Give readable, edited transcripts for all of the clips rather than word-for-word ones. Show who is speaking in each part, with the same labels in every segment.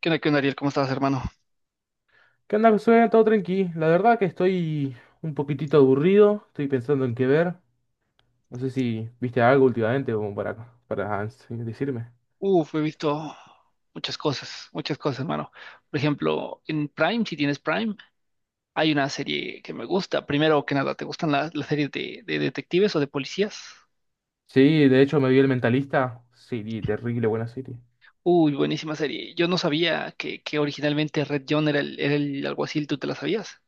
Speaker 1: Qué onda, Ariel? ¿Cómo estás, hermano?
Speaker 2: ¿Qué onda, Josué? Todo tranqui. La verdad que estoy un poquitito aburrido. Estoy pensando en qué ver. No sé si viste algo últimamente como para decirme.
Speaker 1: Uf, he visto muchas cosas, hermano. Por ejemplo, en Prime, si tienes Prime, hay una serie que me gusta. Primero que nada, ¿te gustan las series de detectives o de policías?
Speaker 2: Sí, de hecho me vi El Mentalista. Serie terrible, buena serie.
Speaker 1: Uy, buenísima serie. Yo no sabía que originalmente Red John era el alguacil, ¿tú te la sabías?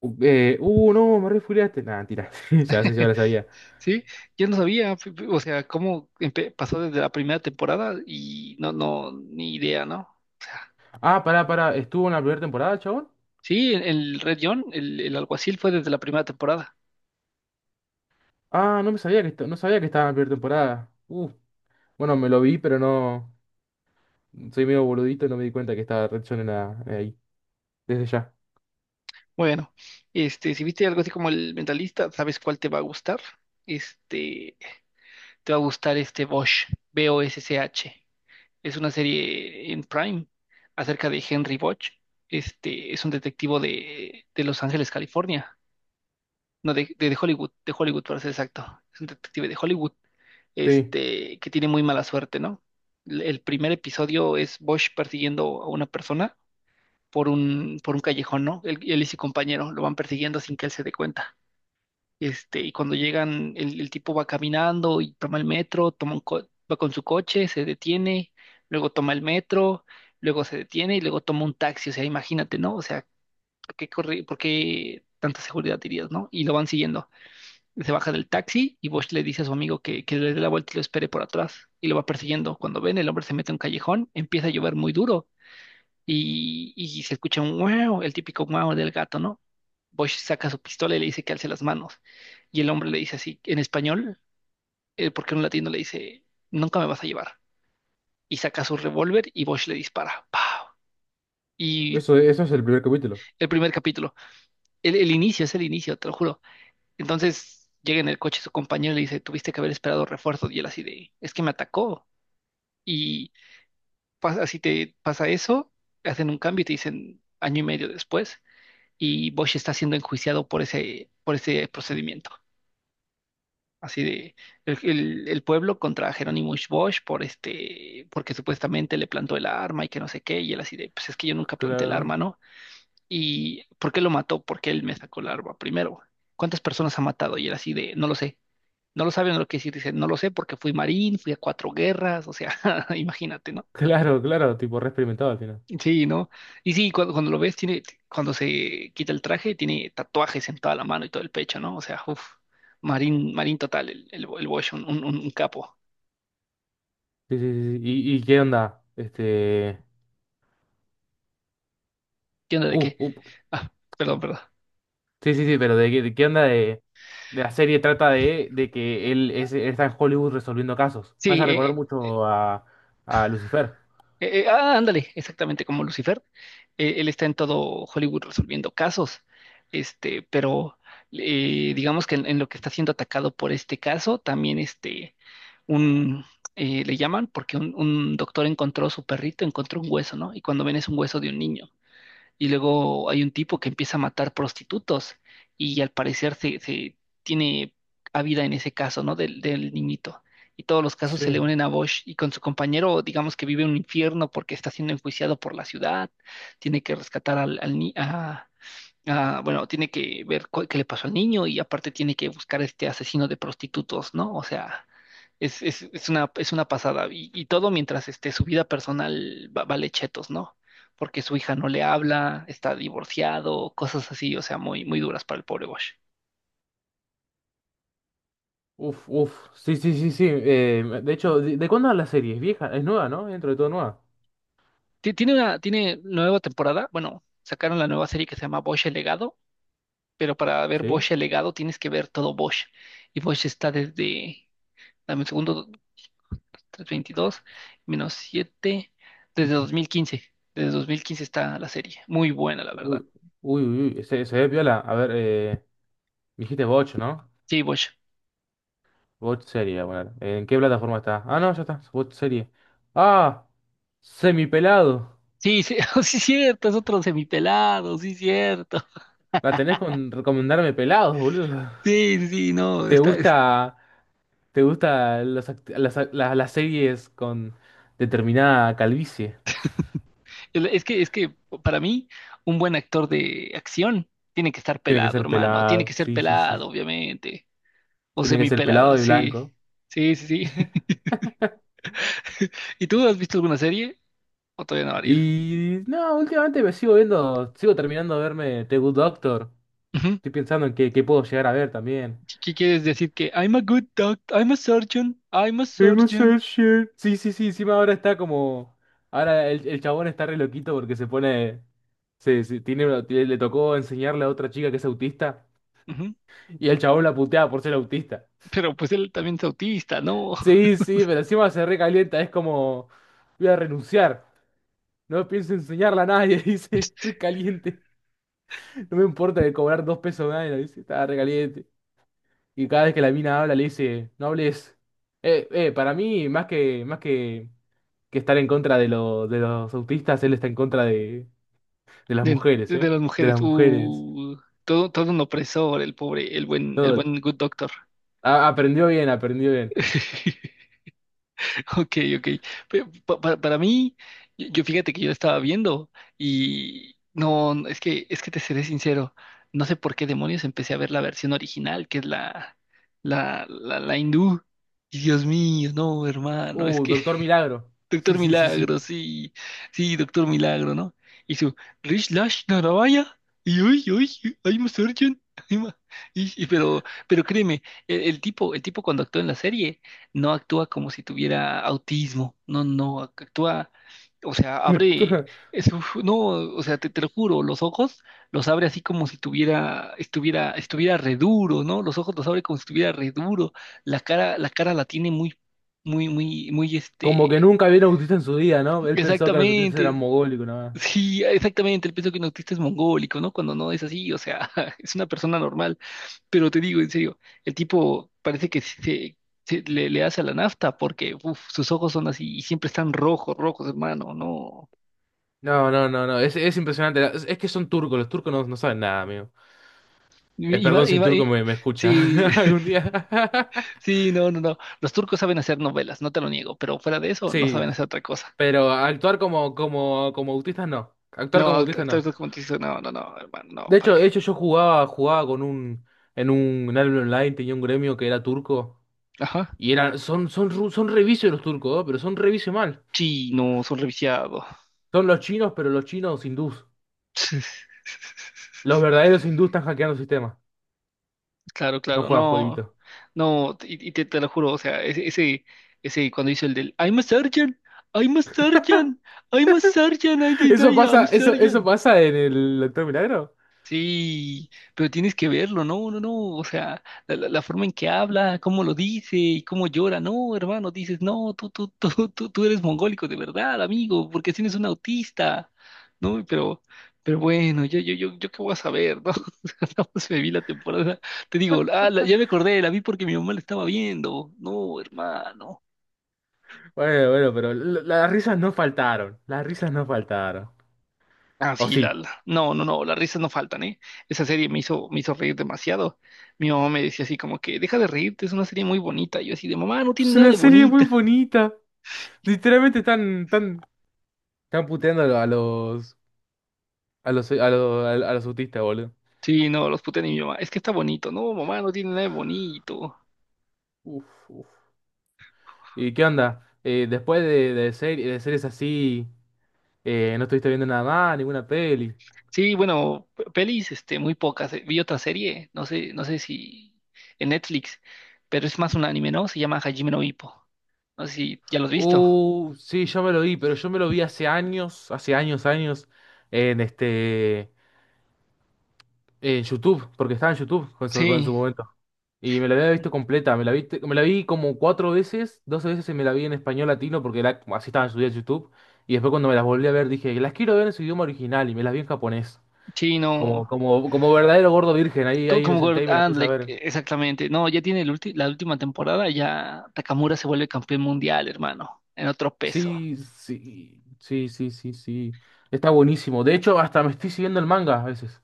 Speaker 2: No, me refugiaste. Nah, tira. Ya sé, ya la sabía.
Speaker 1: Sí, yo no sabía, o sea, pasó desde la primera temporada y no, ni idea, ¿no? O sea,
Speaker 2: Ah, pará, pará. ¿Estuvo en la primera temporada, chabón?
Speaker 1: sí, el Red John, el alguacil fue desde la primera temporada.
Speaker 2: Ah, no me sabía que, no sabía que estaba en la primera temporada. Bueno, me lo vi, pero no. Soy medio boludito y no me di cuenta que estaba Red Son en la, ahí. Desde ya.
Speaker 1: Bueno, este, si viste algo así como el mentalista, ¿sabes cuál te va a gustar? Este, te va a gustar este Bosch, Bosch. Es una serie en Prime acerca de Henry Bosch. Este, es un detectivo de Los Ángeles, California. No, de Hollywood, de Hollywood para ser exacto. Es un detective de Hollywood,
Speaker 2: Sí,
Speaker 1: este, que tiene muy mala suerte, ¿no? El primer episodio es Bosch persiguiendo a una persona por un callejón, ¿no? Él y su compañero lo van persiguiendo sin que él se dé cuenta. Este, y cuando llegan, el tipo va caminando y toma el metro, toma va con su coche, se detiene, luego toma el metro, luego se detiene y luego toma un taxi. O sea, imagínate, ¿no? O sea, ¿por qué corre, por qué tanta seguridad dirías, ¿no? Y lo van siguiendo. Se baja del taxi y Bosch le dice a su amigo que le dé la vuelta y lo espere por atrás. Y lo va persiguiendo. Cuando ven, el hombre se mete a un callejón, empieza a llover muy duro y se escucha un wow, el típico wow del gato, ¿no? Bosch saca su pistola y le dice que alce las manos. Y el hombre le dice así, en español, porque un latino le dice, nunca me vas a llevar. Y saca su revólver y Bosch le dispara. ¡Pau! Y
Speaker 2: eso es el primer capítulo.
Speaker 1: el primer capítulo, el inicio, es el inicio, te lo juro. Entonces llega en el coche su compañero y le dice, tuviste que haber esperado refuerzos. Y él así de, es que me atacó. Y pasa, así te pasa eso, hacen un cambio y te dicen año y medio después. Y Bosch está siendo enjuiciado por ese procedimiento. Así de el pueblo contra Jerónimo Bosch por este, porque supuestamente le plantó el arma y que no sé qué, y él así de, pues es que yo nunca planté el arma,
Speaker 2: Claro,
Speaker 1: ¿no? ¿Y por qué lo mató? Porque él me sacó el arma primero. ¿Cuántas personas ha matado? Y él así de, no lo sé. No lo sabe, no lo quiere decir, dice, no lo sé porque fui marín, fui a cuatro guerras, o sea, imagínate, ¿no?
Speaker 2: claro, claro, tipo re experimentado al final.
Speaker 1: Sí, ¿no? Y sí, cuando lo ves, tiene, cuando se quita el traje, tiene tatuajes en toda la mano y todo el pecho, ¿no? O sea, uff, marín, marín total, el Bosch, un capo.
Speaker 2: Sí, sí, sí. Sí. ¿Y qué onda?
Speaker 1: ¿Qué onda de
Speaker 2: Uh,
Speaker 1: qué?
Speaker 2: uh.
Speaker 1: Ah, perdón, perdón.
Speaker 2: Sí, sí, sí, pero de qué onda de. De la serie trata de, que él está en Hollywood resolviendo casos. Me
Speaker 1: Sí,
Speaker 2: hace recordar mucho a Lucifer.
Speaker 1: Ah, ándale, exactamente como Lucifer. Él está en todo Hollywood resolviendo casos. Este, pero digamos que en lo que está siendo atacado por este caso, también este, un, le llaman porque un doctor encontró su perrito, encontró un hueso, ¿no? Y cuando ven es un hueso de un niño. Y luego hay un tipo que empieza a matar prostitutos y al parecer se tiene vida en ese caso, ¿no? Del niñito. Y todos los casos se le
Speaker 2: Sí.
Speaker 1: unen a Bosch y con su compañero, digamos que vive un infierno porque está siendo enjuiciado por la ciudad, tiene que rescatar al, al ni- a, ah, bueno, tiene que ver qué le pasó al niño y aparte tiene que buscar a este asesino de prostitutos, ¿no? O sea, es, es una pasada. Y todo mientras este, su vida personal vale chetos, ¿no? Porque su hija no le habla, está divorciado, cosas así, o sea, muy, muy duras para el pobre Bosch.
Speaker 2: Uf, uf. Sí, sí, sí, sí. De hecho, ¿de cuándo es la serie? Es vieja, es nueva, ¿no? Dentro de todo nueva.
Speaker 1: Tiene nueva temporada, bueno, sacaron la nueva serie que se llama Bosch el Legado, pero para ver
Speaker 2: Sí.
Speaker 1: Bosch el Legado tienes que ver todo Bosch. Y Bosch está desde, dame un segundo, 322 menos 7 desde 2015. Desde 2015 está la serie. Muy buena, la verdad.
Speaker 2: Uy, uy, uy. Se ve piola. A ver, me dijiste Boch, ¿no?
Speaker 1: Sí, Bosch.
Speaker 2: Bot serie, bueno. ¿En qué plataforma está? Ah, no, ya está. Bot serie. Ah, semipelado.
Speaker 1: Sí, sí, sí, cierto, es otro semipelado, sí, cierto.
Speaker 2: La tenés con recomendarme pelados, boludo.
Speaker 1: Sí, sí, sí, no,
Speaker 2: ¿Te
Speaker 1: está,
Speaker 2: gusta, te gusta los act- las series con determinada calvicie?
Speaker 1: es que para mí, un buen actor de acción tiene que estar
Speaker 2: Tiene que
Speaker 1: pelado,
Speaker 2: ser
Speaker 1: hermano, tiene
Speaker 2: pelado.
Speaker 1: que ser
Speaker 2: Sí, sí, sí.
Speaker 1: pelado, obviamente, o
Speaker 2: Tiene que ser
Speaker 1: semipelado,
Speaker 2: pelado y
Speaker 1: sí,
Speaker 2: blanco.
Speaker 1: sí, sí, sí. ¿Y tú has visto alguna serie? ¿O todavía no, Ariel?
Speaker 2: Y no, últimamente me sigo viendo, sigo terminando de verme The Good Doctor.
Speaker 1: Ujú.
Speaker 2: Estoy pensando en qué puedo llegar a ver también.
Speaker 1: ¿Qué quieres decir? Que I'm a good doctor, I'm a surgeon, I'm a
Speaker 2: Hemos
Speaker 1: surgeon.
Speaker 2: hecho shit. Sí, sí, sí, encima ahora está como. Ahora el chabón está re loquito porque se pone. Le tocó enseñarle a otra chica que es autista.
Speaker 1: Ujú.
Speaker 2: Y el chabón la putea por ser autista.
Speaker 1: Pero pues él también es autista, ¿no?
Speaker 2: Sí, sí, pero encima se recalienta. Es como. Voy a renunciar. No pienso enseñarla a nadie. Dice, recaliente. No me importa de cobrar dos pesos a nadie. Dice, está recaliente. Y cada vez que la mina habla, le dice, no hables. Para mí, más que, más que. Que estar en contra de los autistas, él está en contra de las
Speaker 1: De,
Speaker 2: mujeres,
Speaker 1: de
Speaker 2: ¿eh?
Speaker 1: las
Speaker 2: De
Speaker 1: mujeres.
Speaker 2: las mujeres.
Speaker 1: Todo, todo un opresor, el pobre, el
Speaker 2: Todo.
Speaker 1: buen good doctor.
Speaker 2: Aprendió bien, aprendió bien.
Speaker 1: Ok, ok. Para mí, yo fíjate que yo la estaba viendo y no, es que te seré sincero, no sé por qué demonios empecé a ver la versión original, que es la hindú. Y Dios mío, no, hermano, es que
Speaker 2: Doctor Milagro. Sí,
Speaker 1: Doctor
Speaker 2: sí, sí, sí.
Speaker 1: Milagro, sí, sí, Doctor Milagro, ¿no? Y su Rich Lash Naravaya, y uy, uy, I'm a surgeon, I'm a-". Y pero créeme, el tipo, el tipo cuando actúa en la serie, no actúa como si tuviera autismo, no, no, actúa, o sea, abre, uf, no, o sea, te lo juro, los ojos los abre así como si estuviera re duro, ¿no? Los ojos los abre como si estuviera re duro, la cara, la cara la tiene muy, muy, muy, muy,
Speaker 2: Como que
Speaker 1: este.
Speaker 2: nunca vieron autista en su vida, ¿no? Él pensó que los autistas eran
Speaker 1: Exactamente.
Speaker 2: mogólicos, nada más.
Speaker 1: Sí, exactamente. El peso que un autista es mongólico, ¿no? Cuando no es así, o sea, es una persona normal. Pero te digo, en serio, el tipo parece que le hace a la nafta porque uf, sus ojos son así y siempre están rojos, rojos, hermano, no.
Speaker 2: No, no, no, no. Es impresionante. Es que son turcos. Los turcos no, no saben nada, amigo.
Speaker 1: Y y
Speaker 2: Perdón
Speaker 1: va-
Speaker 2: si
Speaker 1: y
Speaker 2: un
Speaker 1: va-
Speaker 2: turco
Speaker 1: y-
Speaker 2: me escucha
Speaker 1: sí,
Speaker 2: algún día.
Speaker 1: sí, no, no, no. Los turcos saben hacer novelas, no te lo niego, pero fuera de eso, no
Speaker 2: Sí,
Speaker 1: saben hacer otra cosa.
Speaker 2: pero actuar como autistas no. Actuar
Speaker 1: No,
Speaker 2: como autistas no.
Speaker 1: actores como te no, no, no, hermano, no, ¿para qué?
Speaker 2: De hecho yo jugaba, jugaba con un en gremio online, tenía un gremio que era turco.
Speaker 1: Ajá.
Speaker 2: Y eran, son revicios los turcos, ¿no? Pero son revicios mal.
Speaker 1: Sí, no, son reviciados.
Speaker 2: Son los chinos, pero los chinos hindús. Los verdaderos hindús están hackeando el sistema.
Speaker 1: Claro,
Speaker 2: No
Speaker 1: claro,
Speaker 2: juegan
Speaker 1: no,
Speaker 2: jueguitos.
Speaker 1: no, y te lo juro, o sea, ese cuando hizo el del I'm a surgeon, I'm a surgeon, I'm a surgeon, I did,
Speaker 2: Eso
Speaker 1: I am
Speaker 2: pasa,
Speaker 1: a
Speaker 2: eso
Speaker 1: surgeon.
Speaker 2: pasa en el Doctor Milagro.
Speaker 1: Sí, pero tienes que verlo, no, no, no, o sea, la forma en que habla, cómo lo dice y cómo llora, no, hermano, dices, no, tú eres mongólico de verdad, amigo, porque tienes un autista, ¿no? Pero bueno, yo qué voy a saber, ¿no? O sea, nada más me vi la temporada, te digo, ah, ya me acordé, la vi porque mi mamá la estaba viendo, no, hermano.
Speaker 2: Bueno, bueno, pero las risas no faltaron. Las risas no faltaron.
Speaker 1: Ah,
Speaker 2: O
Speaker 1: sí,
Speaker 2: sí.
Speaker 1: No, no, no, las risas no faltan, ¿eh? Esa serie me hizo reír demasiado. Mi mamá me decía así como que, deja de reírte, es una serie muy bonita. Y yo así de, mamá, no tiene
Speaker 2: Es
Speaker 1: nada
Speaker 2: una
Speaker 1: de
Speaker 2: serie muy
Speaker 1: bonita.
Speaker 2: bonita. Literalmente están puteando a los, a los, a los, a los, a los autistas, boludo.
Speaker 1: Sí, no, los putean y mi mamá, es que está bonito. No, mamá, no tiene nada de bonito.
Speaker 2: Uf, uf. ¿Y qué onda? Después de series así, ¿no estuviste viendo nada más, ninguna peli?
Speaker 1: Sí, bueno, pelis, este, muy pocas. Vi otra serie, no sé si en Netflix, pero es más un anime, ¿no? Se llama Hajime no Ippo. No sé si ya lo has visto.
Speaker 2: Sí, yo me lo vi, pero yo me lo vi hace años, años, en este, en YouTube, porque estaba en YouTube con en su
Speaker 1: Sí,
Speaker 2: momento. Y me la había visto completa, me la vi como 4 veces, 12 veces y me la vi en español latino porque así estaba subida en YouTube. Y después cuando me las volví a ver dije, las quiero ver en su idioma original y me las vi en japonés.
Speaker 1: sí,
Speaker 2: Como,
Speaker 1: no.
Speaker 2: como, como verdadero gordo virgen, ahí,
Speaker 1: Co-
Speaker 2: ahí me
Speaker 1: Como
Speaker 2: senté y
Speaker 1: Gord-
Speaker 2: me la puse a
Speaker 1: ándale,
Speaker 2: ver.
Speaker 1: exactamente. No, ya tiene la última temporada, ya Takamura se vuelve campeón mundial, hermano, en otro peso.
Speaker 2: Sí, sí, sí, sí, sí, sí. Está buenísimo. De hecho, hasta me estoy siguiendo el manga a veces.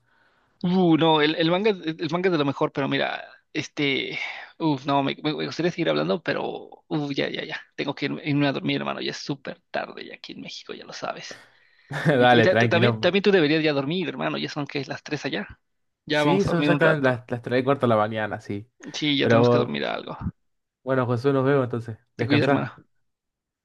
Speaker 1: No, el manga, el manga es de lo mejor, pero mira, este, uf, no, me gustaría seguir hablando, pero, uf, ya, ya, ya, tengo que irme, irme a dormir, hermano, ya es súper tarde ya aquí en México, ya lo sabes. Y, y
Speaker 2: Dale,
Speaker 1: ta- ta-
Speaker 2: tranqui,
Speaker 1: también,
Speaker 2: no.
Speaker 1: también tú deberías ya dormir, hermano, ya son que las 3 allá. Ya
Speaker 2: Sí,
Speaker 1: vamos a
Speaker 2: son
Speaker 1: dormir un
Speaker 2: exactamente
Speaker 1: rato.
Speaker 2: las 3 y cuarto de la mañana, sí.
Speaker 1: Sí, ya tenemos que
Speaker 2: Pero
Speaker 1: dormir algo.
Speaker 2: bueno, José, nos vemos entonces.
Speaker 1: Te cuida,
Speaker 2: Descansá.
Speaker 1: hermano.